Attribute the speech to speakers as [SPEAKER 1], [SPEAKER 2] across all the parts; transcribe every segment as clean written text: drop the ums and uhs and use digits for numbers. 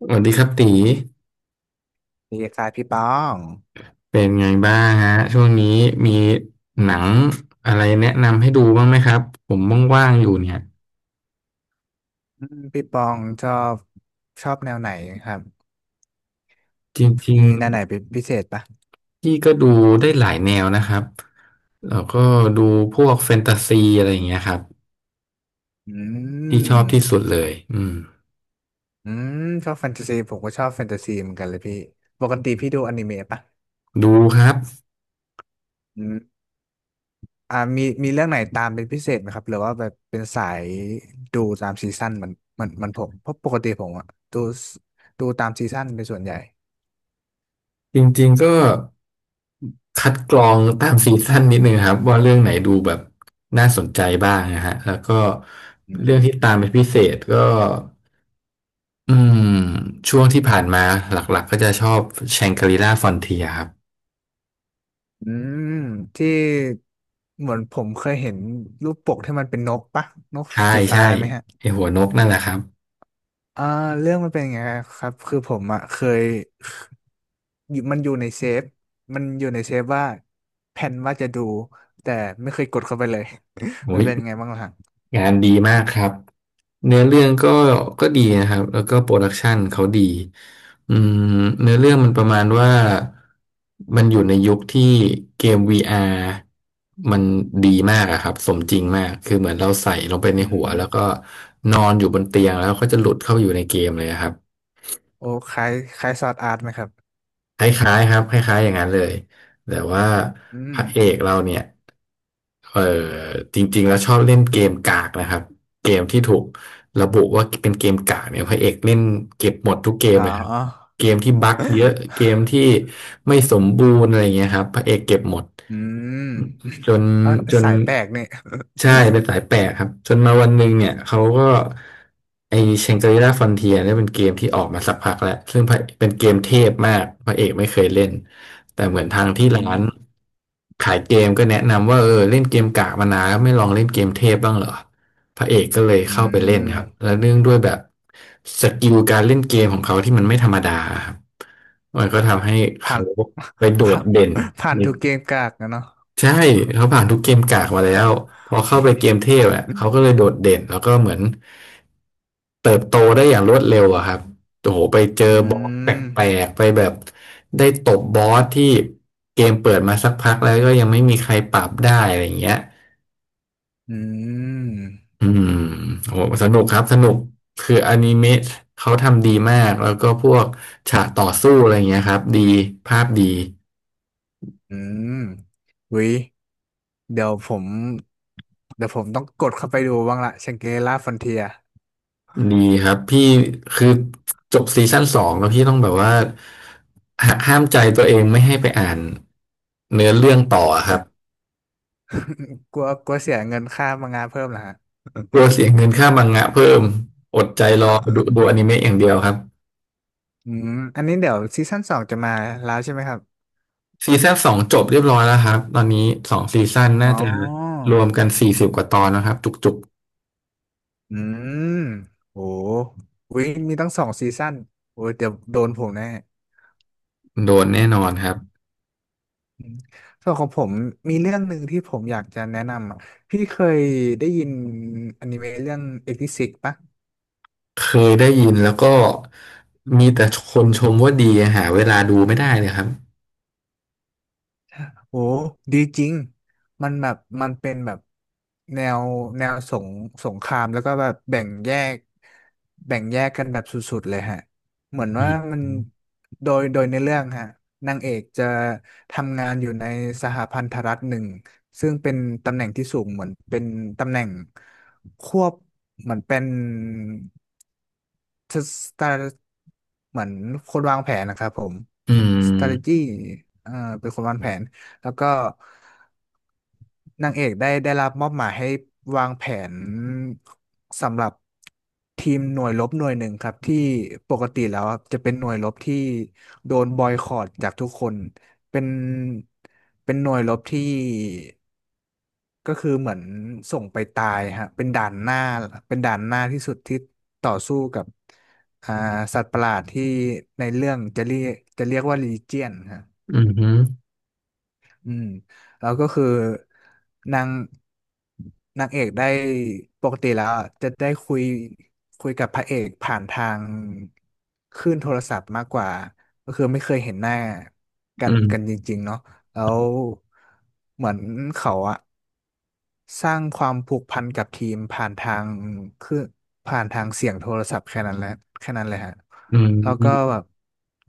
[SPEAKER 1] สวัสดีครับตี
[SPEAKER 2] ดีคสายพี่ปอง
[SPEAKER 1] เป็นไงบ้างฮะช่วงนี้มีหนังอะไรแนะนำให้ดูบ้างไหมครับผมว่างๆอยู่เนี่ย
[SPEAKER 2] พี่ปองชอบแนวไหนครับ
[SPEAKER 1] จริง
[SPEAKER 2] มีแนวไหนเป็นพิเศษปะ
[SPEAKER 1] ๆพี่ก็ดูได้หลายแนวนะครับแล้วก็ดูพวกแฟนตาซีอะไรอย่างเงี้ยครับ
[SPEAKER 2] อื
[SPEAKER 1] ที่ชอบที่สุ
[SPEAKER 2] ม
[SPEAKER 1] ดเลยอืม
[SPEAKER 2] อืมชอบแฟนตาซีผมก็ชอบแฟนตาซีเหมือนกันเลยพี่ปกติพี่ดูอนิเมะปะ
[SPEAKER 1] ดูครับ
[SPEAKER 2] อืมมีเรื่องไหนตามเป็นพิเศษไหมครับหรือว่าแบบเป็นสายดูตามซีซั่นเหมันเหมันเหมันผมเพราะปกติผมอะดูดูตามซีซั่นเป็นส่วนใหญ่
[SPEAKER 1] จริงๆก็คัดกรองตามซีซั่นนิดนึงครับว่าเรื่องไหนดูแบบน่าสนใจบ้างนะฮะแล้วก็
[SPEAKER 2] อื
[SPEAKER 1] เรื่องที่ตามเป็
[SPEAKER 2] ม
[SPEAKER 1] นพิเศษก็ อืมช่วงที่ผ่านมาหลักๆก็จะชอบแชงกรีล่าฟอนเทียครับ
[SPEAKER 2] อืมที่เหมือนผมเคยเห็นรูปปกที่มันเป็นนกปะนก
[SPEAKER 1] ใช่
[SPEAKER 2] สีฟ้า
[SPEAKER 1] ใช่
[SPEAKER 2] ไหมฮะ
[SPEAKER 1] ไอหัวนกนั่นแหละครับ
[SPEAKER 2] อ่าเรื่องมันเป็นอย่างไงครับคือผมอ่ะเคยอยู่มันอยู่ในเซฟว่าแผนว่าจะดูแต่ไม่เคยกดเข้าไปเลย มั
[SPEAKER 1] โอ้
[SPEAKER 2] น
[SPEAKER 1] ย
[SPEAKER 2] เป็นยังไงบ้างล่ะฮะ
[SPEAKER 1] งานดีมากครับเนื้อเรื่องก็ก็ดีนะครับแล้วก็โปรดักชันเขาดีอืมเนื้อเรื่องมันประมาณว่ามันอยู่ในยุคที่เกม VR มันดีมากอะครับสมจริงมากคือเหมือนเราใส่ลงไปใน
[SPEAKER 2] อื
[SPEAKER 1] หัวแล้วก็
[SPEAKER 2] ม
[SPEAKER 1] นอนอยู่บนเตียงแล้วก็จะหลุดเข้าไปอยู่ในเกมเลยอะครับ
[SPEAKER 2] โอ้คล้ายคล้ายซอร์ดอาร์ตไหมครับ
[SPEAKER 1] คล้ายๆครับคล้ายๆอย่างนั้นเลยแต่ว่า
[SPEAKER 2] อื
[SPEAKER 1] พระเอ
[SPEAKER 2] ม
[SPEAKER 1] กเราเนี่ยเออจริงๆแล้วชอบเล่นเกมกากนะครับเกมที่ถูกระบุว่าเป็นเกมกากเนี่ยพระเอกเล่นเก็บหมดทุกเกมเลยครับ
[SPEAKER 2] อ๋อ
[SPEAKER 1] เกมที่บั๊กเยอะเกมที่ไม่สมบูรณ์อะไรเงี้ยครับพระเอกเก็บหมด
[SPEAKER 2] อืม
[SPEAKER 1] จน
[SPEAKER 2] อ๋อ
[SPEAKER 1] จน
[SPEAKER 2] สายแปลกเนี่ย
[SPEAKER 1] ใช่เป็นสายแปลกครับจนมาวันหนึ่งเนี่ยเขาก็ไอเชงกรีล่าฟอนเทียเนี่ยเป็นเกมที่ออกมาสักพักแล้วซึ่งพระเป็นเกมเทพมากพระเอกไม่เคยเล่นแต่เหมือนทางที่
[SPEAKER 2] อื
[SPEAKER 1] ร้า
[SPEAKER 2] ม
[SPEAKER 1] นขายเกมก็แนะนำว่าเออเล่นเกมกากมานานแล้วไม่ลองเล่นเกมเทพบ้างเหรอพระเอกก็เลย
[SPEAKER 2] อื
[SPEAKER 1] เข้าไปเล่น
[SPEAKER 2] ม
[SPEAKER 1] ครับแล้วเนื่องด้วยแบบสกิลการเล่นเกมของเขาที่มันไม่ธรรมดาครับมันก็ทำให้
[SPEAKER 2] ผ่า
[SPEAKER 1] เขา
[SPEAKER 2] น
[SPEAKER 1] ไปโด ด
[SPEAKER 2] ผ่าน
[SPEAKER 1] เด่น
[SPEAKER 2] ผ่านทุกเกมกากนะเนาะ
[SPEAKER 1] ใช่เขาผ่านทุกเกมกากมาแล้วพอเข้าไปเกมเทพอ่ะเขาก็เลยโดดเด่นแล้วก็เหมือนเติบโตได้อย่างรวดเร็วอะครับโอ้โหไปเจอ
[SPEAKER 2] อื
[SPEAKER 1] บอสแปล
[SPEAKER 2] ม
[SPEAKER 1] กๆไปแบบได้ตบบอสที่เกมเปิดมาสักพักแล้วก็ยังไม่มีใครปรับได้อะไรอย่างเงี้ย
[SPEAKER 2] อืม
[SPEAKER 1] อืมโอ้โหสนุกครับสนุกคืออนิเมะเขาทำดีมากแล้วก็พวกฉากต่อสู้อะไรเงี้ยครับดีภาพดี
[SPEAKER 2] อืม วิ เดี๋ยวผมเดี๋ยวผมต้องกดเข้าไปดูบ้างละชังเกล่าฟอนเทีย
[SPEAKER 1] ดีครับพี่คือจบซีซั่นสองแล้วพี่ต้องแบบว่าหาห้ามใจตัวเองไม่ให้ไปอ่านเนื้อเรื่องต่อครับ
[SPEAKER 2] กลัวกลัวเสียเงินค่ามังงะเพิ่มเหรอฮะ
[SPEAKER 1] กลัวเสียเงินค่ามังงะเพิ่มอดใจรอดูดูอนิเมะอย่างเดียวครับ
[SPEAKER 2] อืม อันนี้เดี๋ยวซีซั่นสองจะมาแล้วใช่ไหมครับ
[SPEAKER 1] ซีซั่นสองจบเรียบร้อยแล้วครับตอนนี้สองซีซั่นน่า
[SPEAKER 2] อ๋อ
[SPEAKER 1] จะรวมกัน40กว่าตอนนะครับจุก
[SPEAKER 2] อืมโหวิมีตั้งสองซีซั่นโอ้ยเดี๋ยวโดนผมแน่
[SPEAKER 1] ๆโดนแน่นอนครับ
[SPEAKER 2] อืมส่วนของผมมีเรื่องหนึ่งที่ผมอยากจะแนะนำอ่ะพี่เคยได้ยินอนิเมะเรื่องเอ็กซ์ซิกปะ
[SPEAKER 1] เคยได้ยินแล้วก็มีแต่คนชมว่าดีหาเวลาดูไม่ได้เลยครับ
[SPEAKER 2] โอ้ดีจริงมันแบบมันเป็นแบบแนวแนวสงสงครามแล้วก็แบบแบ่งแยกแบ่งแยกกันแบบสุดๆเลยฮะเหมือน
[SPEAKER 1] อื
[SPEAKER 2] ว่า
[SPEAKER 1] ม
[SPEAKER 2] มันโดยในเรื่องฮะนางเอกจะทำงานอยู่ในสหพันธรัฐหนึ่งซึ่งเป็นตำแหน่งที่สูงเหมือนเป็นตำแหน่งควบเหมือนเป็น จะสตาร์เหมือนคนวางแผนนะครับผม
[SPEAKER 1] อืม
[SPEAKER 2] strategy เอ่อเป็นคนวางแผน แล้วก็นางเอกได้ได้รับมอบหมายให้วางแผนสำหรับทีมหน่วยรบหน่วยหนึ่งครับที่ปกติแล้วครับจะเป็นหน่วยรบที่โดนบอยคอตจากทุกคน เป็นเป็นหน่วยรบที่ ก็คือเหมือนส่งไปตายฮะเป็นด่านหน้าเป็นด่านหน้าที่สุดที่ต่อสู้กับอ่าสัตว์ประหลาดที่ในเรื่องจะเรียกจะเรียกว่าลีเจียนฮะ
[SPEAKER 1] อืม
[SPEAKER 2] อืมแล้วก็คือนางนางเอกได้ปกติแล้วอะจะได้คุยคุยกับพระเอกผ่านทางคลื่นโทรศัพท์มากกว่าก็คือไม่เคยเห็นหน้ากั
[SPEAKER 1] อื
[SPEAKER 2] นกัน
[SPEAKER 1] ม
[SPEAKER 2] จริงๆเนาะแล้วเหมือนเขาอะ สร้างความผูกพันกับทีมผ่านทางคือผ่านทางเสียงโทรศัพท์แค่นั้นแหละแค่นั้นเลยฮะ
[SPEAKER 1] อื
[SPEAKER 2] แล้วก็
[SPEAKER 1] ม
[SPEAKER 2] แบบ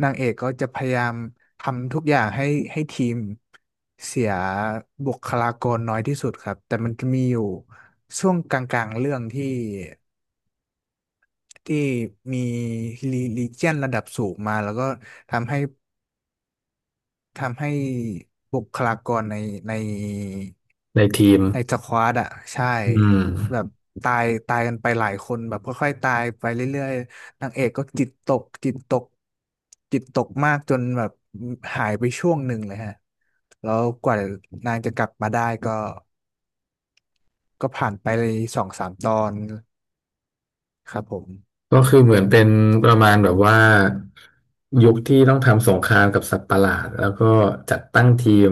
[SPEAKER 2] นางเอกก็จะพยายามทำทุกอย่างให้ให้ทีมเสียบุคลากรน้อยที่สุดครับแต่มันจะมีอยู่ช่วงกลางๆเรื่องที่ที่มีลีเจียนระดับสูงมาแล้วก็ทำให้ ทำให้บุคลากรในใน
[SPEAKER 1] ในทีม
[SPEAKER 2] ในสควอตอ่ะใช่
[SPEAKER 1] อืม
[SPEAKER 2] แบบตายตายกันไปหลายคนแบบค่อยๆตายไปเรื่อยๆนางเอกก็จิตตกจิตตกจิตตกมากจนแบบหายไปช่วงหนึ่งเลยฮะแล้วกว่านางจะกลับมาได้ก็ก็ผ่านไปเลยสองสามตอนครับผม
[SPEAKER 1] ก็คือเหมือนเป็นประมาณแบบว่ายุคที่ต้องทำสงครามกับสัตว์ประหลาดแล้วก็จัดตั้งทีม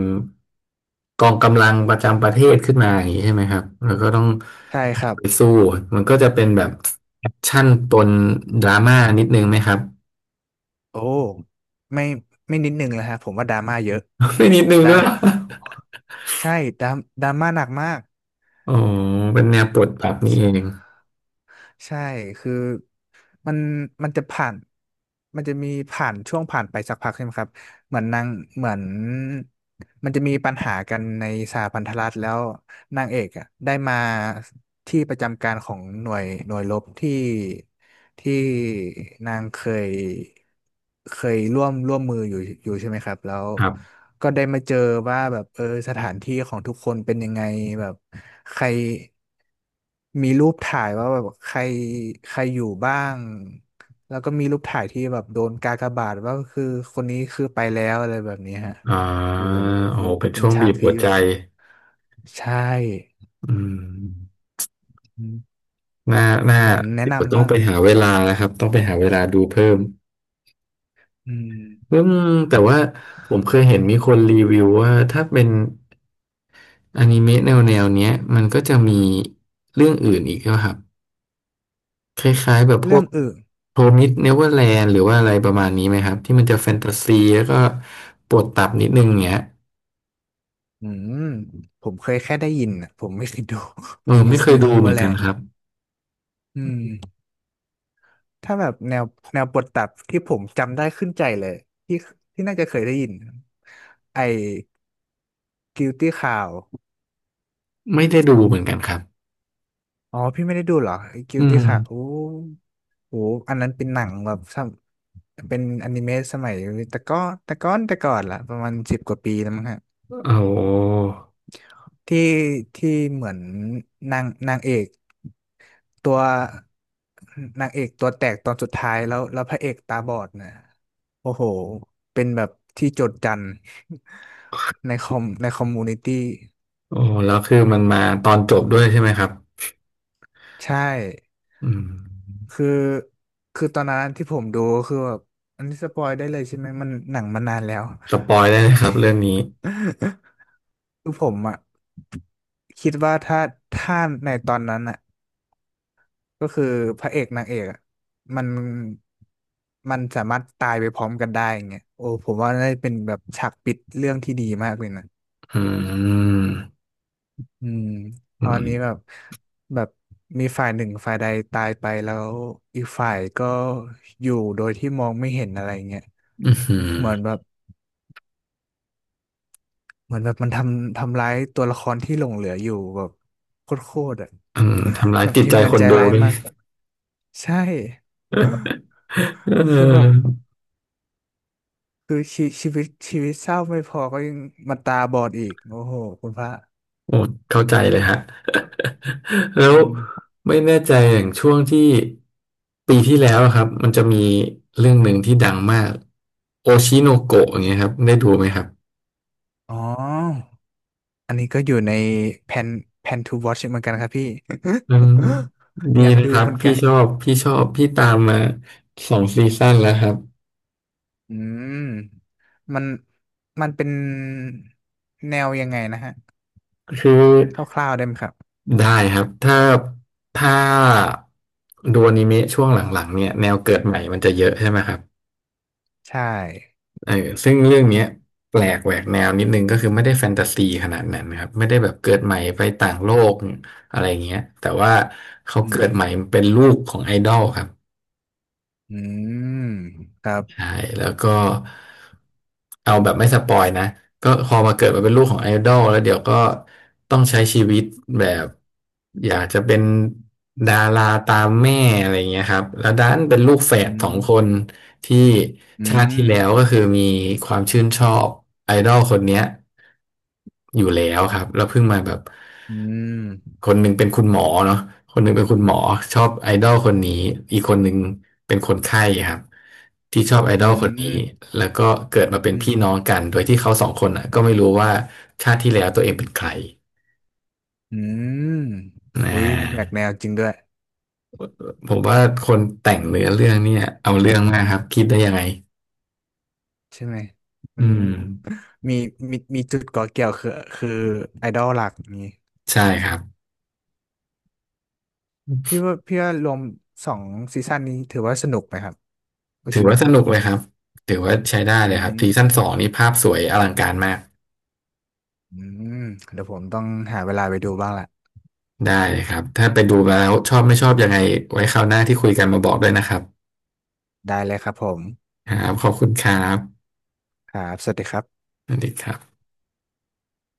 [SPEAKER 1] กองกำลังประจำประเทศขึ้นมาอย่างนี้ใช่ไหมครับแล้วก็ต้อง
[SPEAKER 2] ใช่ครับ
[SPEAKER 1] ไปสู้มันก็จะเป็นแบบแอคชั่นปนดราม่านิดนึงไหมครับ
[SPEAKER 2] โอ้ไม่ไม่นิดนึงเลยฮะผมว่าดราม่าเยอะ
[SPEAKER 1] ไม่นิดนึง
[SPEAKER 2] ดรา
[SPEAKER 1] ด้ว
[SPEAKER 2] ม
[SPEAKER 1] ย
[SPEAKER 2] ใช่ดราม่าหนักมาก
[SPEAKER 1] อ๋อเป็นแนวปลดปรับนี่เอง
[SPEAKER 2] ใช่คือมันมันจะผ่านมันจะมีผ่านช่วงผ่านไปสักพักใช่ไหมครับเหมือนนางเหมือนมันจะมีปัญหากันในสหพันธรัฐแล้วนางเอกอะได้มา ที่ประจำการของหน่วยหน่วยรบที่ที่นางยเคยร่วมร่วมมืออยู่อยู่ใช่ไหมครับแล้ว
[SPEAKER 1] ครับ
[SPEAKER 2] ก็ได้มาเจอว่าแบบเออสถานที่ของทุกคนเป็นยังไงแบบใครมีรูปถ่ายว่าแบบใครใครอยู่บ้างแล้วก็มีรูปถ่ายที่แบบโดนกากบาทว่าคือคนนี้คือไปแล้วอะไรแบบนี้ฮะ
[SPEAKER 1] อ่า
[SPEAKER 2] โอ้โห
[SPEAKER 1] โอ้
[SPEAKER 2] คือ
[SPEAKER 1] โหเป็น
[SPEAKER 2] เป็น
[SPEAKER 1] ช่วง
[SPEAKER 2] ฉา
[SPEAKER 1] บี
[SPEAKER 2] ก
[SPEAKER 1] บหั
[SPEAKER 2] ที่
[SPEAKER 1] วใจ
[SPEAKER 2] แบบใช่
[SPEAKER 1] อืม
[SPEAKER 2] อืม
[SPEAKER 1] น่าน่า
[SPEAKER 2] ผมแนะ
[SPEAKER 1] เดี๋ยว
[SPEAKER 2] นำ
[SPEAKER 1] ต้อง
[SPEAKER 2] มาก
[SPEAKER 1] ไปหาเวลานะครับ ต้องไปหาเวลาดูเพิ่ม
[SPEAKER 2] อื
[SPEAKER 1] อื
[SPEAKER 2] ม
[SPEAKER 1] มแต่ว่าผมเคยเห็นมีคนรีวิวว่าถ้าเป็นอนิเมะแนวเนี้ยมันก็จะมีเรื่องอื่นอีกนะครับคล้ายๆแบบพ
[SPEAKER 2] เรื่
[SPEAKER 1] ว
[SPEAKER 2] อ
[SPEAKER 1] ก
[SPEAKER 2] งอื่น
[SPEAKER 1] โรมิดเนเวอร์แลนด์หรือว่าอะไรประมาณนี้ไหมครับที่มันจะแฟนตาซีแล้วก็ปวดตับนิดนึงเงี้ย
[SPEAKER 2] อืมผมเคยแค่ได้ยินอ่ะผมไม่เคยดู ผ
[SPEAKER 1] เอ
[SPEAKER 2] ม
[SPEAKER 1] อ
[SPEAKER 2] มี
[SPEAKER 1] ไม่เค
[SPEAKER 2] n
[SPEAKER 1] ยดู
[SPEAKER 2] e v
[SPEAKER 1] เห
[SPEAKER 2] e
[SPEAKER 1] มื
[SPEAKER 2] r
[SPEAKER 1] อน
[SPEAKER 2] l a
[SPEAKER 1] กัน
[SPEAKER 2] แ d
[SPEAKER 1] ครับ
[SPEAKER 2] อืมถ้าแบบแนวแนวบทตัดที่ผมจำได้ขึ้นใจเลยที่ที่น่าจะเคยได้ยินไอ้ Guilty Crown
[SPEAKER 1] ไม่ได้ดูเหมือนกันครับ
[SPEAKER 2] อ๋อพี่ไม่ได้ดูเหรอไอ้
[SPEAKER 1] อื
[SPEAKER 2] Guilty
[SPEAKER 1] ม
[SPEAKER 2] Crown โอ้โหอันนั้นเป็นหนังแบบสมเป็นอนิเมะสมัยแต่ก็แต่ก้อนแต่ก่อนละประมาณสิบกว่าปีแล้วมั้งฮะ
[SPEAKER 1] โอ้
[SPEAKER 2] ที่เหมือนนางนางเอก ตัวนางเอกตัวแตกตอนสุดท้ายแล้วแล้วพระเอกตาบอดนะโอ้โหเป็นแบบที่โจษจันทร์ ในคอมในคอมมูนิตี้
[SPEAKER 1] โอ้แล้วคือมันมาตอนจบด้วยใช่ไหมครับ
[SPEAKER 2] ใช่
[SPEAKER 1] อืม
[SPEAKER 2] คือคือตอนนั้นที่ผมดูคือแบบอันนี้สปอยได้เลยใช่ไหมมันหนังมานานแล้ว
[SPEAKER 1] สปอยได้เลยครับเรื่องนี้
[SPEAKER 2] คือผมอ่ะคิดว่าถ้าถ้าในตอนนั้นอ่ะ ก็คือพระเอกนางเอกอะมันมันสามารถตายไปพร้อมกันได้อย่างเงี้ยโอ้ผมว่าได้เป็นแบบฉากปิดเรื่องที่ดีมากเลยนะ
[SPEAKER 1] อืม
[SPEAKER 2] อืมต
[SPEAKER 1] อื
[SPEAKER 2] อน
[SPEAKER 1] ม
[SPEAKER 2] นี้แบบแบบมีฝ่ายหนึ่งฝ่ายใดตายไปแล้วอีกฝ่ายก็อยู่โดยที่มองไม่เห็นอะไรเงี้ย
[SPEAKER 1] อืมื
[SPEAKER 2] เหมือนแบบเหมือนแบบมันทำทำร้ายตัวละครที่หลงเหลืออยู่แบบโคตรๆอ่ะ
[SPEAKER 1] ออืมทำร้า ย
[SPEAKER 2] แบบ
[SPEAKER 1] จิต
[SPEAKER 2] ที
[SPEAKER 1] ใจ
[SPEAKER 2] มงา
[SPEAKER 1] ค
[SPEAKER 2] น
[SPEAKER 1] น
[SPEAKER 2] ใจ
[SPEAKER 1] ดู
[SPEAKER 2] ร้าย
[SPEAKER 1] ด้วย
[SPEAKER 2] มากใช่
[SPEAKER 1] เ
[SPEAKER 2] คือแบบ
[SPEAKER 1] ออ
[SPEAKER 2] คือชีชีวิตเศร้าไม่พอก็ยังมาตาบอดอีกโอ้โหคุณพระ
[SPEAKER 1] โอ้เข้าใจเลยฮะ แล้ว
[SPEAKER 2] อืม
[SPEAKER 1] ไม่แน่ใจอย่างช่วงที่ปีที่แล้วอะครับมันจะมีเรื่องหนึ่งที่ดังมากโอชิโนโกะอย่างเงี้ยครับได้ดูไหมครับ
[SPEAKER 2] อ๋ออันนี้ก็อยู่ในแผนแผน to watch เหมือนกันครับพี่
[SPEAKER 1] อืมดี
[SPEAKER 2] อยาก
[SPEAKER 1] นะค
[SPEAKER 2] ดู
[SPEAKER 1] รับ
[SPEAKER 2] เหมือน
[SPEAKER 1] พี่
[SPEAKER 2] กัน
[SPEAKER 1] ชอบพี่ชอบพี่ตามมาสองซีซั่นแล้วครับ
[SPEAKER 2] อืมมันมันเป็นแนวยังไงนะฮะ
[SPEAKER 1] คือ
[SPEAKER 2] คร่าวๆได้ไหมครับ
[SPEAKER 1] ได้ครับถ้าดูอนิเมะช่วงหลังๆเนี่ยแนวเกิดใหม่มันจะเยอะใช่ไหมครับ
[SPEAKER 2] ใช่
[SPEAKER 1] เออซึ่งเรื่องเนี้ยแปลกแหวกแนวนิดนึงก็คือไม่ได้แฟนตาซีขนาดนั้นนะครับไม่ได้แบบเกิดใหม่ไปต่างโลกอะไรเงี้ยแต่ว่าเขา
[SPEAKER 2] อื
[SPEAKER 1] เกิ
[SPEAKER 2] ม
[SPEAKER 1] ดใหม่เป็นลูกของไอดอลครับ
[SPEAKER 2] อืมครับ
[SPEAKER 1] ใช่แล้วก็เอาแบบไม่สปอยนะก็พอมาเกิดมาเป็นลูกของไอดอลแล้วเดี๋ยวก็ต้องใช้ชีวิตแบบอยากจะเป็นดาราตามแม่อะไรเงี้ยครับแล้วดันเป็นลูกแฝ
[SPEAKER 2] อื
[SPEAKER 1] ดสองคน
[SPEAKER 2] ม
[SPEAKER 1] ที่
[SPEAKER 2] อื
[SPEAKER 1] ชาติที่
[SPEAKER 2] ม
[SPEAKER 1] แล้วก็คือมีความชื่นชอบไอดอลคนเนี้ยอยู่แล้วครับแล้วเพิ่งมาแบบ
[SPEAKER 2] อืม
[SPEAKER 1] คนหนึ่งเป็นคุณหมอเนาะคนหนึ่งเป็นคุณหมอชอบไอดอลคนนี้อีกคนหนึ่งเป็นคนไข้ครับที่ชอบไอด
[SPEAKER 2] อื
[SPEAKER 1] อลคนนี้
[SPEAKER 2] ม
[SPEAKER 1] แล้วก็เกิดมาเป็
[SPEAKER 2] อื
[SPEAKER 1] นพี่น้
[SPEAKER 2] ม
[SPEAKER 1] องกันโดยที่เขาสองคนอ่ะก็ไม่รู้ว่าชาติที่แล้วตัวเองเป็นใคร
[SPEAKER 2] อืม
[SPEAKER 1] น
[SPEAKER 2] อุ้ยแหวก
[SPEAKER 1] ะ
[SPEAKER 2] แนวจริงด้วย
[SPEAKER 1] ผมว่าคนแต่งเนื้อเรื่องเนี่ยเอาเรื่องมากครับคิดได้ยังไง
[SPEAKER 2] ใช่ไหมมั
[SPEAKER 1] อื
[SPEAKER 2] น
[SPEAKER 1] ม
[SPEAKER 2] มีมีจุดก่อเกี่ยวคือคือไอดอลหลักนี้
[SPEAKER 1] ใช่ครับ
[SPEAKER 2] พี่ว่ารวมสองซีซั่นนี้ถือว่าสนุกไหมครับโอ
[SPEAKER 1] ถื
[SPEAKER 2] ชิ
[SPEAKER 1] อ
[SPEAKER 2] โน
[SPEAKER 1] ว่าส
[SPEAKER 2] โกะ
[SPEAKER 1] นุกเลยครับถือว่าใช้ได้
[SPEAKER 2] อื
[SPEAKER 1] เลยครับซีซั่น
[SPEAKER 2] ม
[SPEAKER 1] สองนี่ภาพสวยอลังการมาก
[SPEAKER 2] อืมเดี๋ยวผมต้องหาเวลาไปดูบ้างละ
[SPEAKER 1] ได้เลยครับถ้าไปดูมาแล้วชอบไม่ชอบยังไงไว้คราวหน้าที่คุยกันมาบอกด้วยนะครับ
[SPEAKER 2] ได้เลยครับผม
[SPEAKER 1] ครับขอบคุณครับ
[SPEAKER 2] ครับสวัสดีครับ
[SPEAKER 1] สวัสดีครับ